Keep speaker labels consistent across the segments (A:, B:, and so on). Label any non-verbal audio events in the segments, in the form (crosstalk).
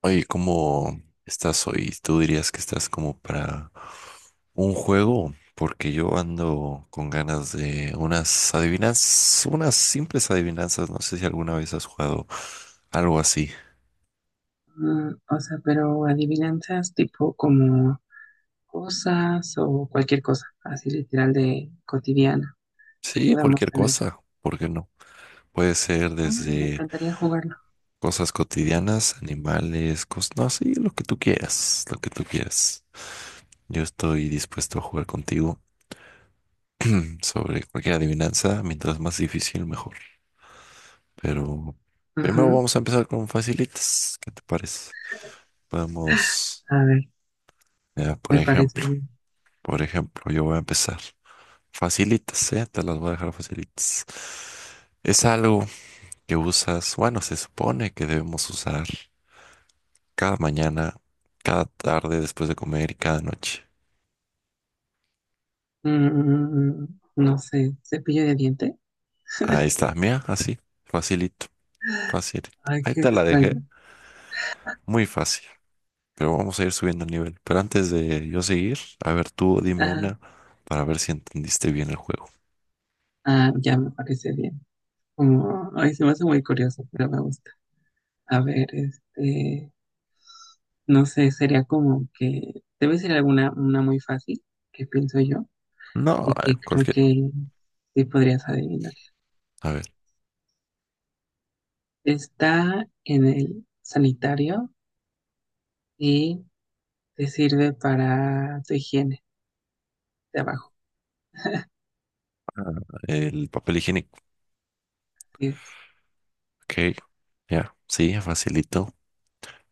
A: Oye, ¿cómo estás hoy? ¿Tú dirías que estás como para un juego? Porque yo ando con ganas de unas adivinanzas, unas simples adivinanzas. No sé si alguna vez has jugado algo así.
B: O sea, pero adivinanzas tipo como cosas o cualquier cosa, así literal de cotidiana que
A: Sí,
B: podamos
A: cualquier
B: tener.
A: cosa, ¿por qué no? Puede ser
B: Ah, me
A: desde
B: encantaría jugarlo.
A: cosas cotidianas, animales, cosas, no, sí, lo que tú quieras, lo que tú quieras. Yo estoy dispuesto a jugar contigo (clears throat) sobre cualquier adivinanza, mientras más difícil, mejor. Pero primero
B: Ujú.
A: vamos a empezar con facilitas. ¿Qué te parece? Podemos,
B: A ver,
A: por
B: me parece
A: ejemplo,
B: bien.
A: yo voy a empezar. Facilitas, ¿eh? Te las voy a dejar facilitas. Es algo que usas, bueno, se supone que debemos usar cada mañana, cada tarde después de comer y cada noche.
B: Mm, no sé, cepillo de diente.
A: Ahí está, mira, así, facilito, facilito.
B: Ay,
A: Ahí
B: qué
A: te la dejé,
B: extraño.
A: muy fácil, pero vamos a ir subiendo el nivel. Pero antes de yo seguir, a ver, tú dime
B: Ah,
A: una para ver si entendiste bien el juego.
B: ah, ya me parece bien. Como, ay, se me hace muy curioso, pero me gusta. A ver, no sé, sería como que debe ser alguna una muy fácil, que pienso yo,
A: No,
B: y que creo
A: cualquier.
B: que sí podrías adivinar.
A: A ver,
B: Está en el sanitario y te sirve para tu higiene de abajo.
A: el papel higiénico.
B: Así es.
A: Ok, ya, sí, facilito.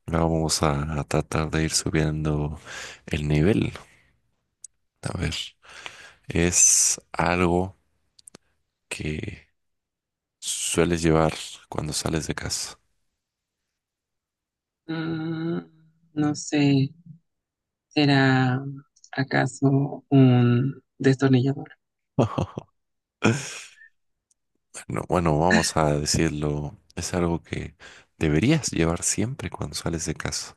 A: Ahora vamos a tratar de ir subiendo el nivel. A ver, es algo que sueles llevar cuando sales de casa.
B: Mm, no sé, ¿será acaso un destornillador?
A: (laughs) No, bueno, vamos a decirlo, es algo que deberías llevar siempre cuando sales de casa.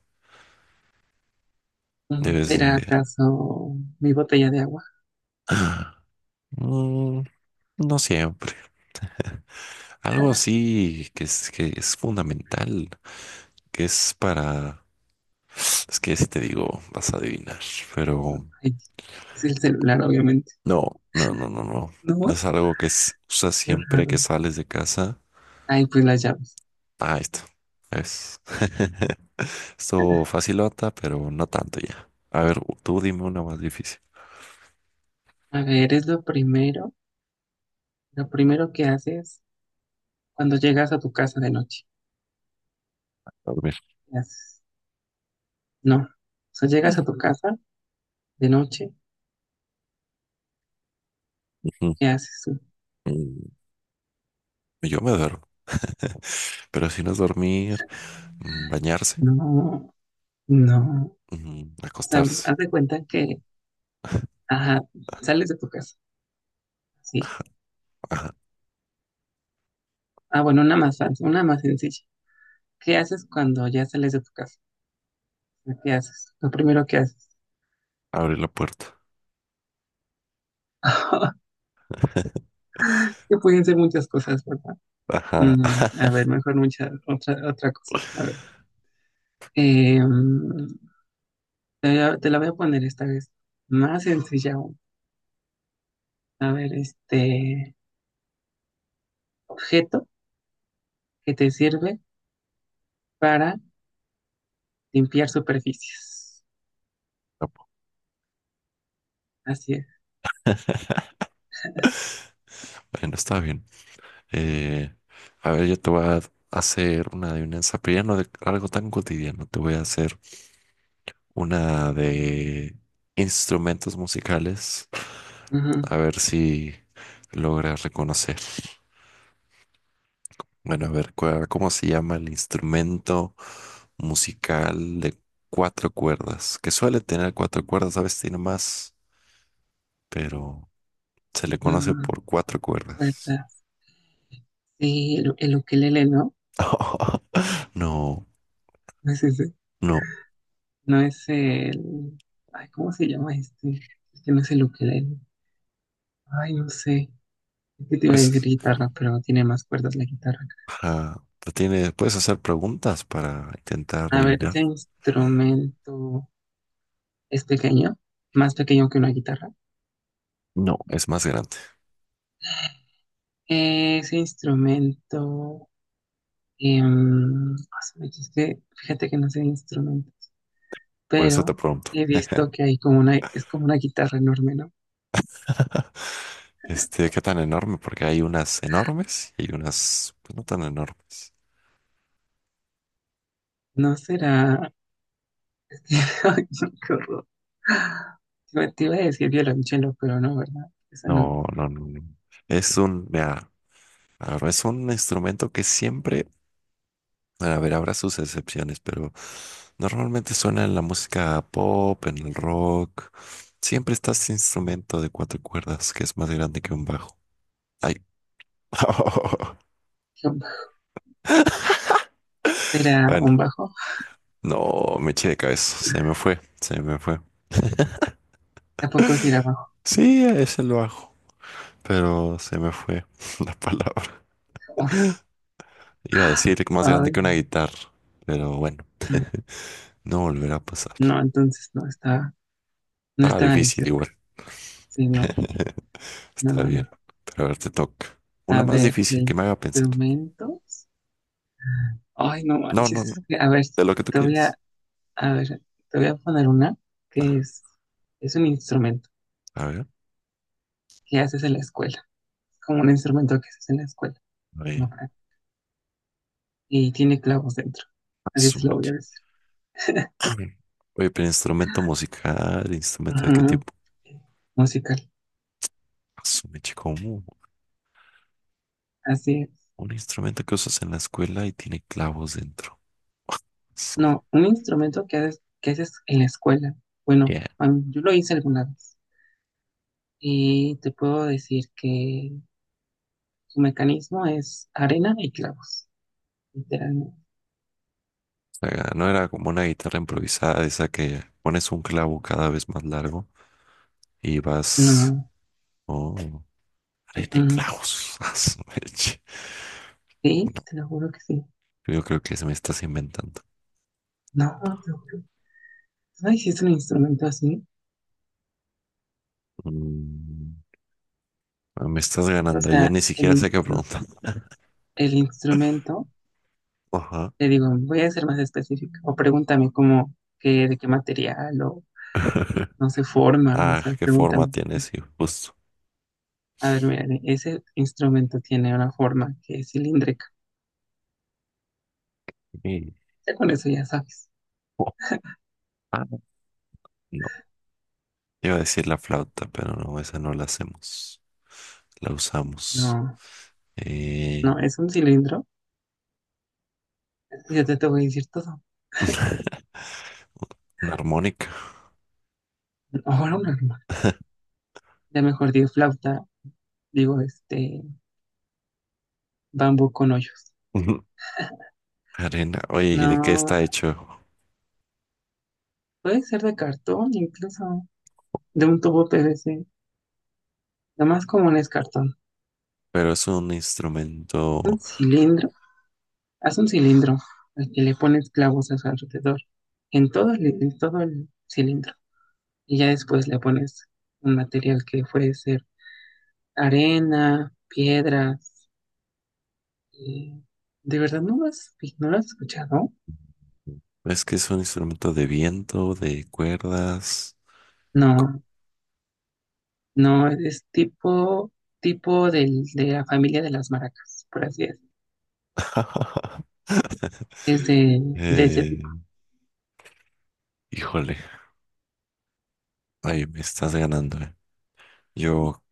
B: Mm,
A: Debes de
B: ¿será acaso mi botella de agua?
A: mm, no siempre. Algo así que es fundamental, que es para... Es que si te digo, vas a adivinar,
B: No,
A: pero
B: ay, es el celular, obviamente.
A: no, no, no, no, no.
B: No,
A: Es algo que es, usas
B: qué
A: siempre que
B: raro.
A: sales de casa.
B: Ay, pues las llaves.
A: Ah, esto. Es. (laughs) Esto facilota, pero no tanto ya. A ver, tú dime una más difícil.
B: A ver, es lo primero que haces cuando llegas a tu casa de noche.
A: Dormir.
B: ¿Qué haces? No. O sea, llegas a tu
A: (laughs)
B: casa de noche,
A: Ujú.
B: ¿qué haces?
A: Mm, yo me duermo, (laughs) pero si no es dormir, mm, bañarse,
B: No, no.
A: mm,
B: O sea,
A: acostarse.
B: haz de cuenta que,
A: (laughs)
B: ajá, sales de tu casa. Sí. Ah, bueno, una más fácil, una más sencilla. ¿Qué haces cuando ya sales de tu casa? ¿Qué haces? Lo primero que haces.
A: Abre la puerta.
B: (laughs) Es que pueden ser muchas cosas, ¿verdad?
A: Ajá.
B: Mm, a ver, mejor otra cosa. A ver. Eh, mm, te la voy a poner esta vez. Más sencilla aún. A ver, este objeto que te sirve para limpiar superficies. Así es.
A: (laughs) Bueno, está bien. Eh, a ver, yo te voy a hacer una adivinanza, pero ya no de algo tan cotidiano. Te voy a hacer una de instrumentos musicales.
B: Ujú,
A: A ver si logras reconocer. Bueno, a ver, ¿cómo se llama el instrumento musical de cuatro cuerdas? Que suele tener cuatro cuerdas, a veces tiene más, pero se le conoce
B: ujú,
A: por cuatro cuerdas.
B: Puertas. Sí, el ukelele, ¿no?
A: (laughs) No,
B: No es ese.
A: no.
B: No es el... Ay, ¿cómo se llama este? Este no es el ukelele. Ay, no sé. Es que te iba a decir
A: Pues
B: guitarra, pero no tiene más cuerdas la guitarra.
A: te tiene, puedes hacer preguntas para intentar
B: A ver, ese
A: adivinar.
B: instrumento es pequeño, más pequeño que una guitarra.
A: No, es más grande.
B: Ese instrumento... es que fíjate que no sé de instrumento,
A: Por eso te
B: pero
A: pregunto.
B: he visto que hay como una, es como una guitarra enorme, ¿no?
A: (laughs) Este, ¿qué tan enorme? Porque hay unas enormes y hay unas pues, no tan enormes.
B: No será... (laughs) Ay, no, qué horror. Yo te iba a decir violonchelo, pero no, ¿verdad? Eso no es.
A: No, no, no, no. Es un, mira, a ver, es un instrumento que siempre, a ver, habrá sus excepciones, pero normalmente suena en la música pop, en el rock. Siempre está este instrumento de cuatro cuerdas que es más grande que un bajo. Hay (laughs)
B: ¿Será
A: bueno,
B: un bajo?
A: no me eché de cabeza, se me fue.
B: Tampoco será bajo.
A: Sí, a ese lo hago, pero se me fue (laughs) la palabra.
B: (laughs)
A: Iba a decir más grande
B: Ay,
A: que una guitarra, pero bueno,
B: no.
A: no volverá a pasar.
B: No, entonces no
A: Ah,
B: estaba ni
A: difícil
B: cerca.
A: igual,
B: Sí, no, no,
A: está
B: no, no.
A: bien, pero a ver, te toca. Una
B: A
A: más
B: ver, de
A: difícil que me haga pensar.
B: instrumentos. Ay, no
A: No, no,
B: manches.
A: no,
B: A ver,
A: de lo que tú
B: te voy a,
A: quieras.
B: a ver, te voy a poner una que es un instrumento
A: A ver,
B: que haces en la escuela, como un instrumento que se hace en la escuela,
A: a ver,
B: ¿no? Y tiene clavos dentro. Así te lo voy a decir.
A: (clears throat) oye, pero instrumento musical, ¿instrumento de qué tipo?
B: Ujú. Musical,
A: Asume, chico,
B: así es.
A: un instrumento que usas en la escuela y tiene clavos dentro. Su-
B: No, un instrumento que haces en la escuela.
A: yeah.
B: Yo lo hice alguna vez y te puedo decir que su mecanismo es arena y clavos, literalmente.
A: O sea, no era como una guitarra improvisada, esa que pones un clavo cada vez más largo y vas.
B: No,
A: Oh,
B: mm,
A: arena y
B: mm.
A: clavos. (laughs) A su leche.
B: sí,
A: No,
B: te lo juro que sí.
A: yo creo que se me estás inventando.
B: No, te lo juro. ¿Tú no hiciste un instrumento así?
A: Mm, ah, me estás
B: O
A: ganando, ya
B: sea,
A: ni
B: el,
A: siquiera sé qué
B: instru-
A: preguntar.
B: el instrumento
A: Ajá.
B: le digo, voy a ser más específica. O pregúntame cómo, qué, de qué material o
A: (laughs)
B: no se forma. O
A: Ah,
B: sea,
A: ¿qué forma
B: pregúntame.
A: tiene? Sí, justo.
B: A ver, mira, ese instrumento tiene una forma que es cilíndrica.
A: Y-
B: Ya con eso ya sabes.
A: oh, ah, no. Iba a decir la flauta, pero no, esa no la hacemos. La usamos.
B: No,
A: Eh,
B: no, es un cilindro. Y te voy a decir todo.
A: (laughs) una armónica.
B: (laughs) Ahora un arma. Ya mejor digo flauta, digo este bambú con hoyos.
A: (laughs) Arena. Oye, ¿y ¿de qué
B: No,
A: está hecho?
B: puede ser de cartón, incluso de un tubo PVC. Lo más común es cartón.
A: Pero es un instrumento.
B: Un cilindro. Haz un cilindro al que le pones clavos a su alrededor, en todo el cilindro. Y ya después le pones un material que puede ser arena, piedras. Eh, ¿de verdad no lo has, no lo has escuchado?
A: Es que es un instrumento de viento, de cuerdas. Co-
B: No, no, es tipo, de la familia de las maracas, por así decirlo.
A: (laughs)
B: Es de ese tipo.
A: eh, híjole. Ay, me estás ganando, eh. Yo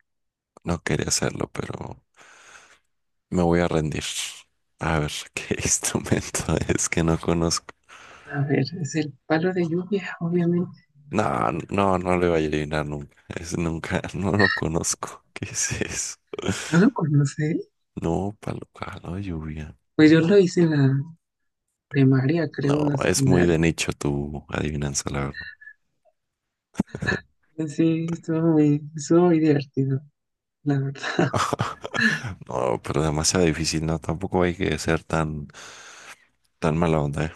A: no quería hacerlo, pero me voy a rendir. A ver, (laughs) ¿qué instrumento es que no conozco?
B: A ver, es el palo de lluvia, obviamente.
A: No, no, no le voy a adivinar nunca. Es nunca, (laughs) no lo conozco. ¿Qué es eso?
B: ¿No lo conoces?
A: No, palo caldo de lluvia.
B: Pues yo lo hice en la primaria,
A: No,
B: creo, en la
A: es muy de
B: secundaria.
A: nicho tu adivinanza, la verdad. (laughs)
B: Sí, estuvo muy divertido, la verdad.
A: No, pero demasiado difícil, ¿no? Tampoco hay que ser tan, tan mala onda, ¿eh?